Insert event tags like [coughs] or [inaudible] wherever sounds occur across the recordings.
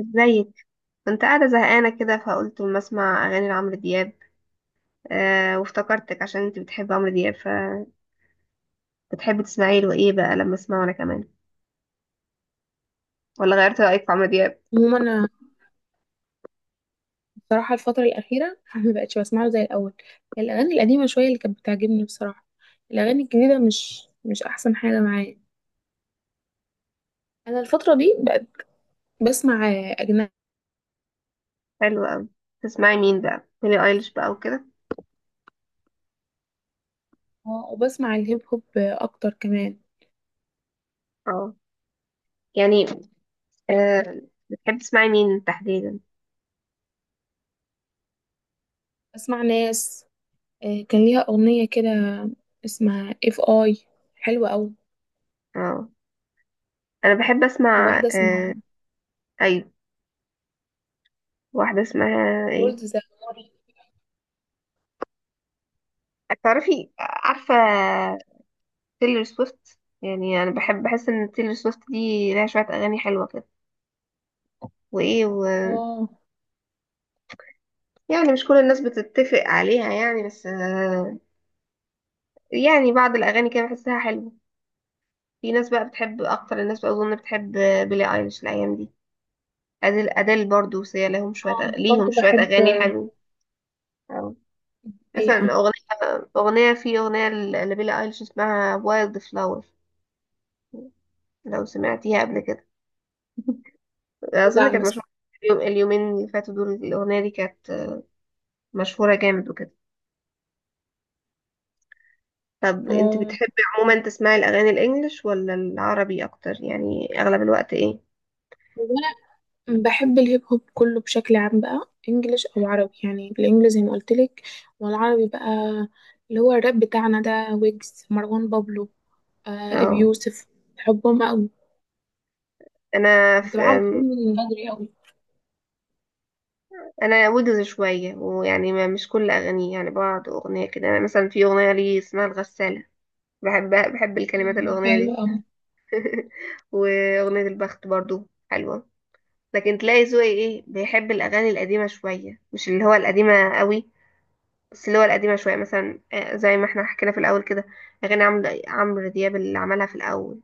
ازيك؟ كنت قاعدة زهقانة كده، فقلت ما اسمع اغاني لعمرو دياب. وافتكرتك عشان انت بتحب عمرو دياب، فبتحبي تسمعي له ايه بقى لما اسمعه انا كمان؟ ولا غيرت رأيك في عمرو دياب؟ عموما انا بصراحه الفتره الاخيره [laughs] ما بقتش بسمعه زي الاول. الاغاني القديمه شويه اللي كانت بتعجبني بصراحه. الاغاني الجديده مش احسن حاجه معايا. انا الفتره دي بقت بسمع اجنبي، حلو قوي. تسمعي مين بقى، بيلي ايليش بقى وكده؟ وبسمع الهيب هوب اكتر كمان. اه. يعني. آه، بتحب تسمعي مين تحديدا؟ بسمع ناس، كان ليها اغنيه كده اسمها اف اي، حلوه قوي. اه، انا بحب اسمع. وواحده اسمها ايوه، واحدة اسمها ايه؟ رولز ذا موري. عارفة تيلر سويفت؟ يعني انا بحس ان تيلر سويفت دي لها شوية اغاني حلوة كده. وايه اه، يعني مش كل الناس بتتفق عليها يعني، بس يعني بعض الاغاني كده بحسها حلوة. في ناس بقى بتحب، اكتر الناس بقى اظن بتحب بيلي ايليش الايام دي. اديل برضو، سيا اه ليهم برضه شوية بحب اغاني حلوة. أو مثلا الحقيقه. اغنية لبيلي ايليش اسمها وايلد فلاور، لو سمعتيها قبل كده. اظن لا كانت مشهوره مس. اليومين اللي فاتوا دول، الاغنيه دي كانت مشهوره جامد وكده. طب انت اه، بتحبي عموما تسمعي الاغاني الانجليش ولا العربي اكتر؟ يعني اغلب الوقت ايه؟ هو بحب الهيب هوب كله بشكل عام بقى، انجليش او عربي. يعني بالانجليزي زي ما قلت لك، والعربي بقى اللي هو الراب بتاعنا ده، ويجز، مروان بابلو، آه ابي اه. يوسف. بحبهم قوي، انا في متابعهم كلهم من بدري قوي. انا ويجز شويه، ويعني ما مش كل اغانيه، يعني بعض اغنيه كده. انا مثلا في اغنيه لي اسمها الغساله، بحب الكلمات آه، الاغنيه حلو دي. قوي. [laughs] واغنيه البخت برضو حلوه. لكن تلاقي ذوقي ايه، بيحب الاغاني القديمه شويه، مش اللي هو القديمه قوي، بس اللي هو القديمة شوية. مثلا زي ما احنا حكينا في الأول كده، أغاني عمرو دياب اللي عملها في الأول.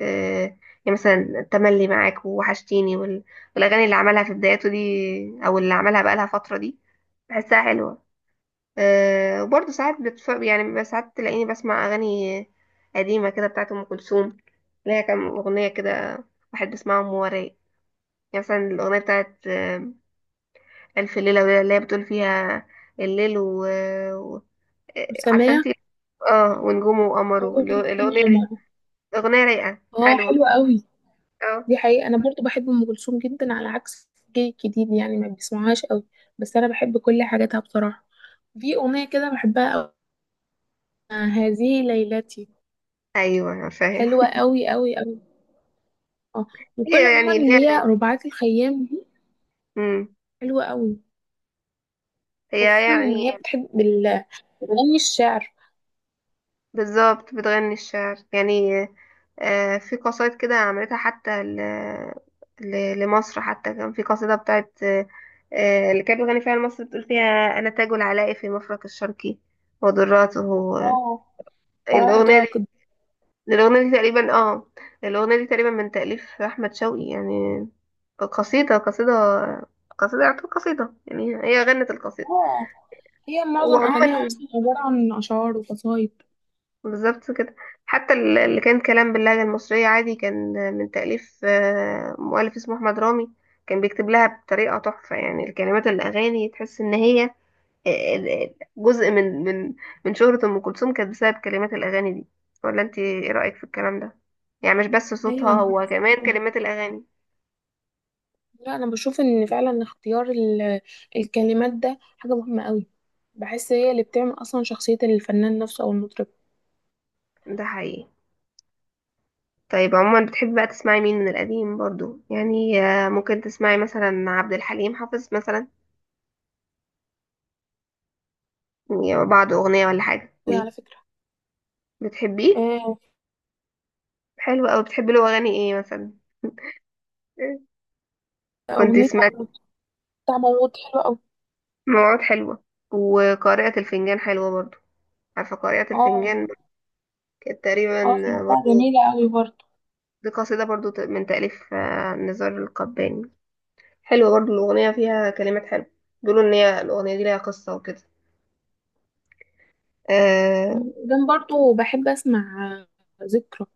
آه، يعني مثلا تملي معاك ووحشتيني، والأغاني اللي عملها في بداياته دي، أو اللي عملها بقالها فترة دي، بحسها حلوة. وبرضه ساعات يعني بيبقى ساعات تلاقيني بسمع أغاني قديمة كده بتاعت أم كلثوم، اللي هي كام أغنية كده بحب أسمعهم وراي. يعني مثلا الأغنية بتاعت ألف ليلة وليلة، اللي هي بتقول فيها الليل و... آه، عارفه انت. وسمية اه، ونجومه وقمره الاغنيه عمر. دي اغنيه رايقه اه حلوه. حلوة قوي. اه، دي حقيقة انا برضو بحب ام كلثوم جدا، على عكس جيل الجديد يعني ما بيسمعهاش قوي، بس انا بحب كل حاجاتها بصراحة. في اغنية كده بحبها قوي، هذه ليلتي، ايوه أنا فاهم. حلوة قوي قوي قوي. اه، وكل هي عموما يعني اللي هي ليها رباعات الخيام دي، امم حلوة قوي. هي خصوصا ان يعني هي بتحب اغاني الشعر. بالظبط بتغني الشعر يعني. في قصايد كده عملتها حتى لمصر، حتى كان في قصيده بتاعت اللي كانت بتغني فيها لمصر، بتقول فيها انا تاج العلاء في مفرق الشرقي ودراته. آه، اه فرائض الاغنيه دي عقد. الأغنية دي تقريبا اه الأغنية دي تقريبا من تأليف أحمد شوقي يعني. قصيدة قصيدة قصيدة يعتبر قصيدة يعني، هي غنت القصيدة. اه، هي معظم اغانيها وعموما اصلا عبارة عن اشعار وقصايد. بالظبط كده. حتى اللي كان كلام باللهجة المصرية عادي، كان من تأليف مؤلف اسمه أحمد رامي. كان بيكتب لها بطريقة تحفة. يعني الكلمات الأغاني تحس إن هي جزء من شهرة أم كلثوم، كانت بسبب كلمات الأغاني دي. ولا أنت إيه رأيك في الكلام ده؟ يعني مش بس صوتها، ايوه انا هو بحس كمان كده. كلمات الأغاني. لا، انا بشوف ان فعلا اختيار الكلمات ده حاجة مهمة قوي. بحس هي اللي بتعمل اصلا شخصية الفنان نفسه او المطرب. ده حقيقي. طيب عموما بتحبي بقى تسمعي مين من القديم برضو؟ يعني ممكن تسمعي مثلا عبد الحليم حافظ مثلا؟ يعني بعض أغنية ولا حاجة قوي ليه؟ على فكرة. بتحبيه؟ آه، حلو أوي. بتحبي له أغاني إيه مثلا؟ [laughs] كنت اغنية سمعت بتاع موت حلوة قوي. موعود حلوة، وقارئة الفنجان حلوة برضو. عارفة قارئة اه، الفنجان؟ كانت تقريبا اه سمعتها جميلة قوي برضه. دي قصيدة برضو، من تأليف نزار القباني. حلوة برضو الأغنية، فيها كلمات حلوة. بيقولوا إن هي الأغنية دي ليها قصة وكده آه وبعدين برضو بحب اسمع ذكرى،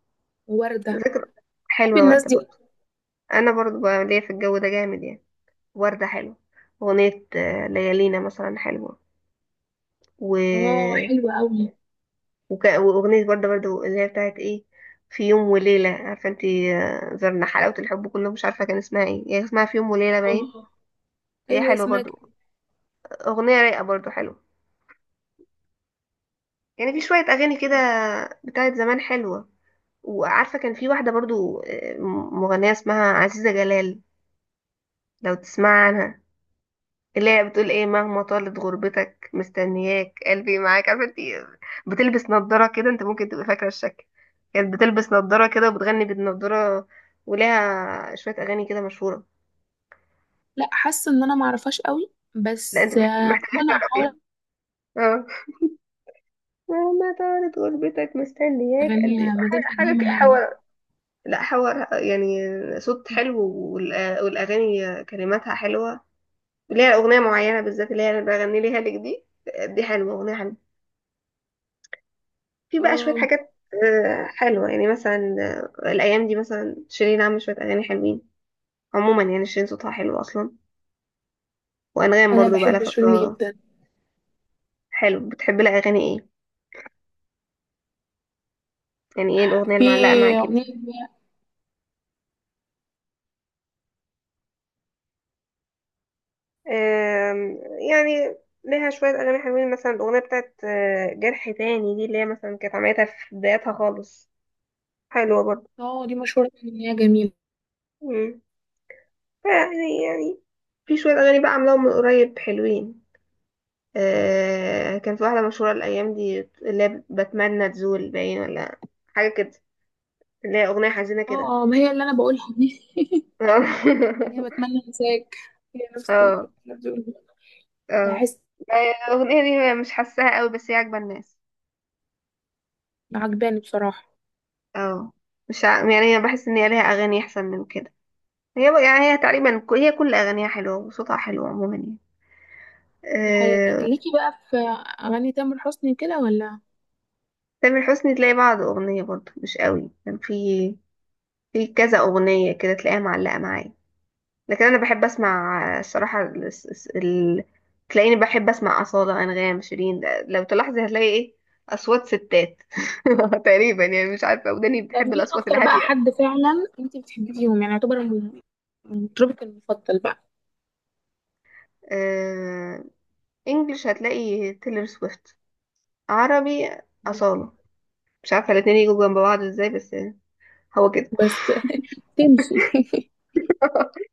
وردة. ذكر بحب حلوة الناس وردة دي. برضو. أنا برضو بقى ليا في الجو ده جامد يعني. وردة حلوة. أغنية آه، ليالينا مثلا حلوة و... اه حلوة قوي. وأغنية وردة برضو اللي هي بتاعت إيه، في يوم وليلة. عارفة انتي، زرنا حلاوة الحب كله، مش عارفة كان اسمها ايه، هي اسمها في يوم وليلة باين. اه، هي ايوه حلوة اسمها برضو. كده. أغنية رايقة برضو حلوة. يعني في شوية أغاني كده بتاعت زمان حلوة. وعارفة كان في واحدة برضو، مغنية اسمها عزيزة جلال، لو تسمع عنها. اللي هي بتقول ايه مهما طالت غربتك مستنياك قلبي معاك. عارفة انت بتلبس نضارة كده، انت ممكن تبقى فاكرة الشكل. كانت بتلبس نضارة كده وبتغني بالنضارة، ولها شوية أغاني كده مشهورة. لا، حاسة ان انا معرفهاش قوي لا، انت بس، محتاجة انا تعرفيها. احاول. اه، مهما طالت غربتك مستنياك قلبي، اغنيها مادام حاجة حاجة كده. قديمة يعني. لا حوار يعني، صوت حلو، والأغاني كلماتها حلوة. اللي هي أغنية معينة بالذات، اللي هي أنا بغني ليها لك دي حلوة، أغنية حلوة. في بقى شوية اه، حاجات حلوة يعني، مثلا الأيام دي مثلا شيرين عاملة شوية أغاني حلوين. عموما يعني شيرين صوتها حلو أصلا. وأنغام انا برضو بقى لها بحب شيرين فترة. جدا. حلو. بتحب لها أغاني إيه؟ يعني إيه الأغنية في اللي معلقة معاكي اغنية مثلا؟ آم، يعني ليها شوية أغاني حلوين، مثلا الأغنية بتاعت جرح تاني دي، اللي هي مثلا كانت عملتها في بدايتها خالص، حلوة برضه. اه دي مشهورة ان هي جميلة. مم. فيعني في شوية أغاني بقى عاملاهم من قريب حلوين. كان في واحدة مشهورة الأيام دي، اللي هي بتمنى تزول باين ولا حاجة كده، اللي هي أغنية حزينة كده. اه، اه ما هي اللي انا بقولها دي [laughs] [laughs] هي بتمنى انساك، هي نفس اللي اه، بتقولها. اه، بحس الأغنية دي مش حاساها قوي، بس هي عاجبة الناس. عجباني بصراحة. اه، مش يعني أنا بحس إن هي ليها أغاني أحسن من كده. هي بقى- يعني هي تقريبا ك- هي كل أغانيها حلوة، وصوتها حلو عموما يعني. دي حقيقة آه، ليكي بقى في أغاني تامر حسني كده ولا؟ تامر حسني تلاقي بعض أغنية برضه مش قوي، كان في كذا أغنية كده تلاقيها معلقة معايا. لكن أنا بحب أسمع الصراحة تلاقيني بحب أسمع أصالة، أنغام، شيرين. لو تلاحظي هتلاقي إيه، أصوات ستات. [laughs] تقريبا يعني، مش عارفة وداني طب بتحب مين الأصوات أكتر بقى الهادية. حد فعلا أنت بتحبي فيهم، يعني يعتبر مطربك المفضل بقى؟ آه... إنجلش هتلاقي تيلر سويفت، عربي أصالة. مش عارفة الاتنين يجوا جنب بعض إزاي، بس يعني هو كده. بس تمشي [laughs] [laughs]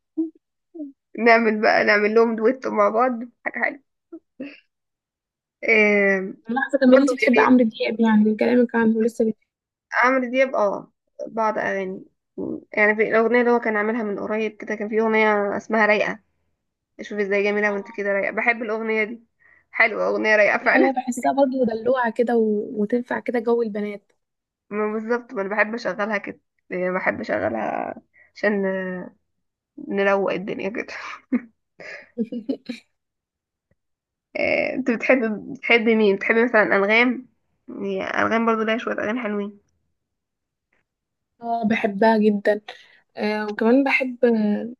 نعمل لهم دويتو مع بعض، حاجة حلوة. آه... ملاحظة كمان برضه أنت بتحبي عمرو دياب يعني من كلامك عنه لسه عمرو دياب، بعض اغاني. يعني في الاغنيه اللي هو كان عاملها من قريب كده، كان في اغنيه اسمها رايقه، شوف ازاي جميله وانت آه، كده رايقه. بحب الاغنيه دي، حلوه اغنيه رايقه دي حقيقة فعلا. بحسها برضه دلوعة كده، و... وتنفع كده جو البنات [laughs] ما بالظبط، ما انا بحب اشغلها كده، يعني بحب اشغلها عشان نروق الدنيا كده. [laughs] [laughs] انت بتحب مين؟ بتحب مثلا انغام؟ يعني انغام برضو ليها شويه اغاني حلوين. اه بحبها جدا. آه وكمان بحب،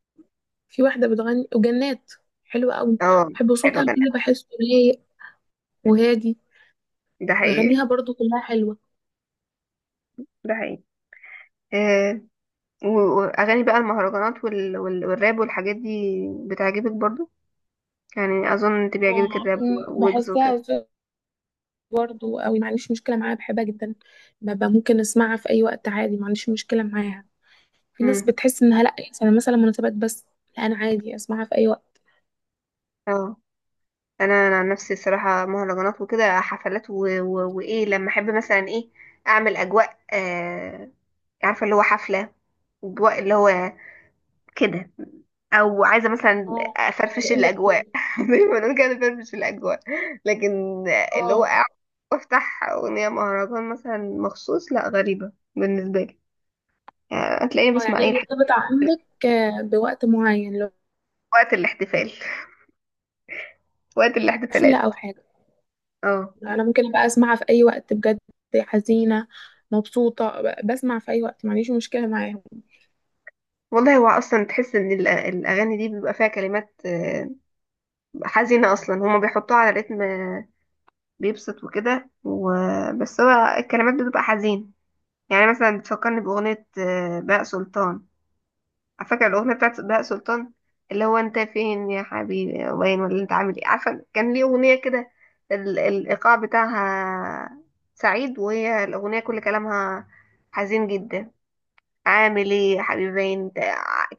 في واحدة بتغني وجنات، حلوة قوي. اه، بحب حلو صوتها جدا. كده، بحسه رايق وهادي. ده حقيقي، وأغانيها برضو كلها حلوة. ده حقيقي. آه، و- واغاني بقى المهرجانات والراب والحاجات دي، بتعجبك برضو؟ يعني اظن انت بيعجبك اه الراب ويجز بحسها وكده. برضو قوي، ما عنديش مشكلة معاها، بحبها جدا. ببقى ممكن اسمعها في اي وقت عادي، ما عنديش مشكلة معاها. في ناس امم بتحس انها لا، يعني مثلا مناسبات بس. لا انا عادي اسمعها في اي وقت. اه، انا عن نفسي الصراحه مهرجانات وكده، حفلات وايه. لما احب مثلا ايه، اعمل اجواء. عارفه اللي هو حفله، اجواء اللي هو كده، او عايزه مثلا اه، انا افرفش بقول لك. الاجواء، [laughs] زي ما بنقول كده افرفش الاجواء. لكن اللي هو اه، افتح اغنيه مهرجان مثلا مخصوص، لا غريبه بالنسبه لي. يعني هتلاقيني اه بسمع يعني اي هي الحاجات مرتبطة عندك، بوقت معين، لو وقت الاحتفال، وقت حفلة او الاحتفالات. حاجة. اه، انا ممكن ابقى اسمعها في اي وقت بجد. حزينة، مبسوطة، بسمع في اي وقت، ما عنديش مشكلة معاها. والله هو اصلا تحس ان الاغاني دي بيبقى فيها كلمات حزينه اصلا، هما بيحطوها على رتم بيبسط وكده، بس هو الكلمات بتبقى حزين. يعني مثلا بتفكرني باغنيه بهاء سلطان. على فكره الاغنيه بتاعت بهاء سلطان اللي هو انت فين يا حبيبي وين، ولا انت عامل ايه، عارفه كان ليه اغنيه كده، الايقاع بتاعها سعيد وهي الاغنيه كل كلامها حزين جدا. عامل ايه يا حبيبي انت.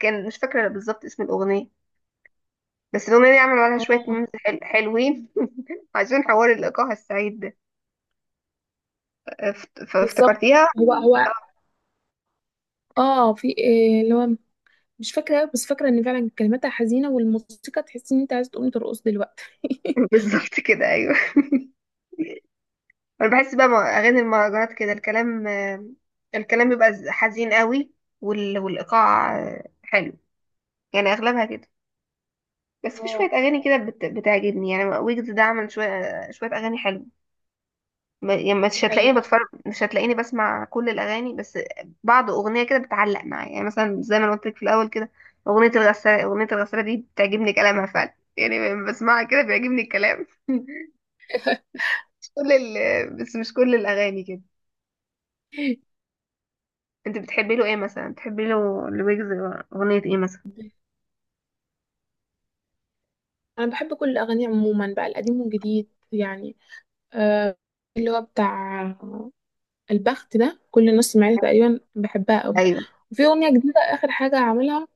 كان مش فاكره بالظبط اسم الاغنيه، بس الاغنيه دي عملوا عليها شويه اه ميمز حلوين، [laughs] عشان حوار الايقاع السعيد ده. بالظبط. فافتكرتيها. هو [laughs] هو. اه، في إيه اللي هو مش فاكرة أوي، بس فاكرة ان فعلا كلماتها حزينة والموسيقى تحس ان انت عايزة تقومي ترقص دلوقتي [laughs] بالظبط كده، ايوه. [laughs] انا بحس بقى مع اغاني المهرجانات كده الكلام بيبقى حزين قوي، والايقاع حلو. يعني اغلبها كده. بس في شويه اه اغاني كده بتعجبني، يعني ويجز ده عمل شويه شويه اغاني حلوه. يعني دي حقيقة. مش هتلاقيني بسمع كل الاغاني، بس بعض اغنيه كده بتعلق معايا. يعني مثلا زي ما أنا قلت لك في الاول كده، اغنيه الغساله دي بتعجبني كلامها فعلا، يعني لما بسمعها كده بيعجبني الكلام. [laughs] مش كل ال... بس مش كل الاغاني كده. انت بتحبي له ايه مثلا؟ بتحبي له لويجز اغنيه ايه مثلا؟ انا بحب كل الاغاني عموما بقى، القديم والجديد يعني. آه، اللي هو بتاع البخت ده، كل الناس سمعتها تقريبا، بحبها قوي. ايوه. وفي اغنيه جديده اخر حاجه عاملها،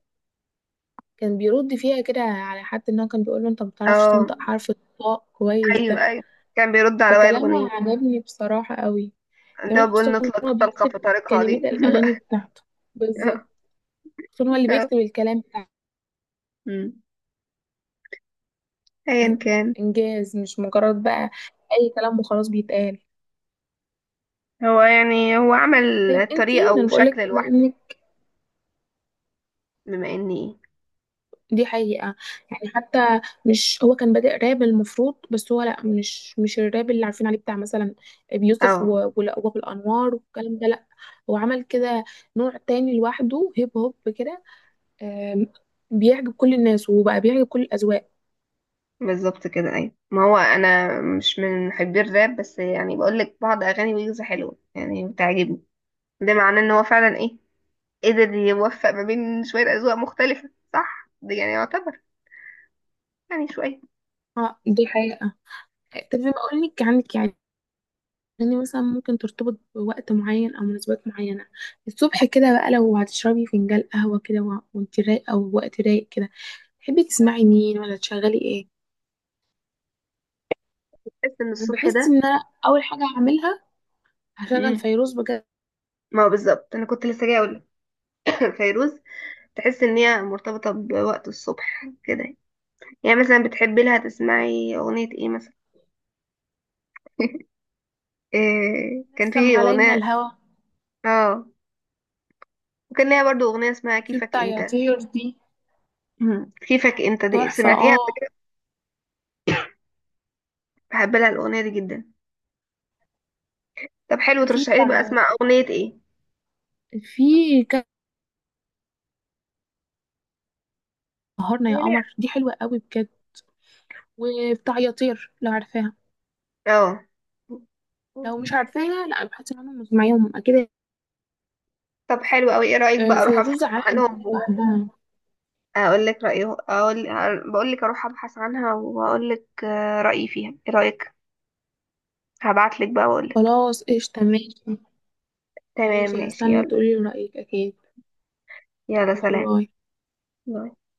كان بيرد فيها كده على حد ان هو كان بيقول له انت ما بتعرفش اه، تنطق حرف الطاء كويس ده. ايوه ايوه، كان بيرد على وائل غنيم، فكلامها عجبني بصراحه قوي. اللي هو كمان بيقول خصوصا ان نطلق هو طلقه بيكتب في طريقها كلمات دي. الاغاني [laughs] بتاعته بالظبط. آه، عشان هو اللي آه. بيكتب الكلام بتاع مم. ايا كان. انجاز، مش مجرد بقى اي كلام وخلاص بيتقال. هو عمل طيب انتي، طريقة ما انا بقول لك وشكل بما لوحده. انك بما اني... دي حقيقة. يعني حتى مش هو كان بادئ راب المفروض؟ بس هو لا، مش الراب اللي عارفين عليه بتاع مثلا بيوسف اه، وابو الانوار والكلام ده، لا. هو عمل كده نوع تاني لوحده، هيب هوب كده. آم، بيعجب كل الناس، وبقى بيعجب كل الاذواق. بالظبط كده ايوه. ما هو انا مش من محبي الراب، بس يعني بقولك بعض اغاني ويجز حلوة، يعني بتعجبني. ده معناه ان هو فعلا ايه، قدر يوفق ما بين شوية اذواق مختلفة، صح؟ ده يعني يعتبر يعني شوية. اه دي حقيقة. طب بما اقول لك عنك يعني، يعني مثلا ممكن ترتبط بوقت معين او مناسبات معينه. الصبح كده بقى، لو هتشربي فنجان قهوه كده وانت رايقه ووقت رايق كده، تحبي تسمعي مين ولا تشغلي ايه؟ تحس ان انا الصبح بحس ده... ان انا اول حاجه هعملها، هشغل مم. فيروز بجد. ما هو بالظبط، انا كنت لسه جايه اقول. [coughs] فيروز. تحس ان هي مرتبطه بوقت الصبح كده. يعني مثلا بتحبي لها تسمعي اغنيه ايه مثلا؟ [laughs] إيه كان نسم في علينا أغنية. الهوى، اه. وكان ليها برضو أغنية اسمها في كيفك بتاع انت. يا طير دي، مم. كيفك انت دي تحفه. سمعتيها قبل اه كده؟ بحب لها الأغنية دي جدا. طب حلو، وفي ترشحي لي بقى بتاع، اسمع أغنية ايه. في كان سهرنا يا يا ريت. قمر دي حلوه قوي بجد. وبتاع يا طير لو عارفاها. اه، لو مش عارفاها لا، بحس ان انا مش معاهم اكيد. طب حلو قوي. ايه رأيك آه، بقى اروح ابحث فيروز عالم عنهم لوحدها. واقول لك رأيي؟ اقول، بقول لك اروح ابحث عنها واقول لك رأيي فيها ايه رأيك. هبعت لك بقى واقول لك. خلاص قشطة ماشي. تمام ماشي ماشي هستنى يلا. تقولي رأيك أكيد. يلا ماشي سلام. باي. باي.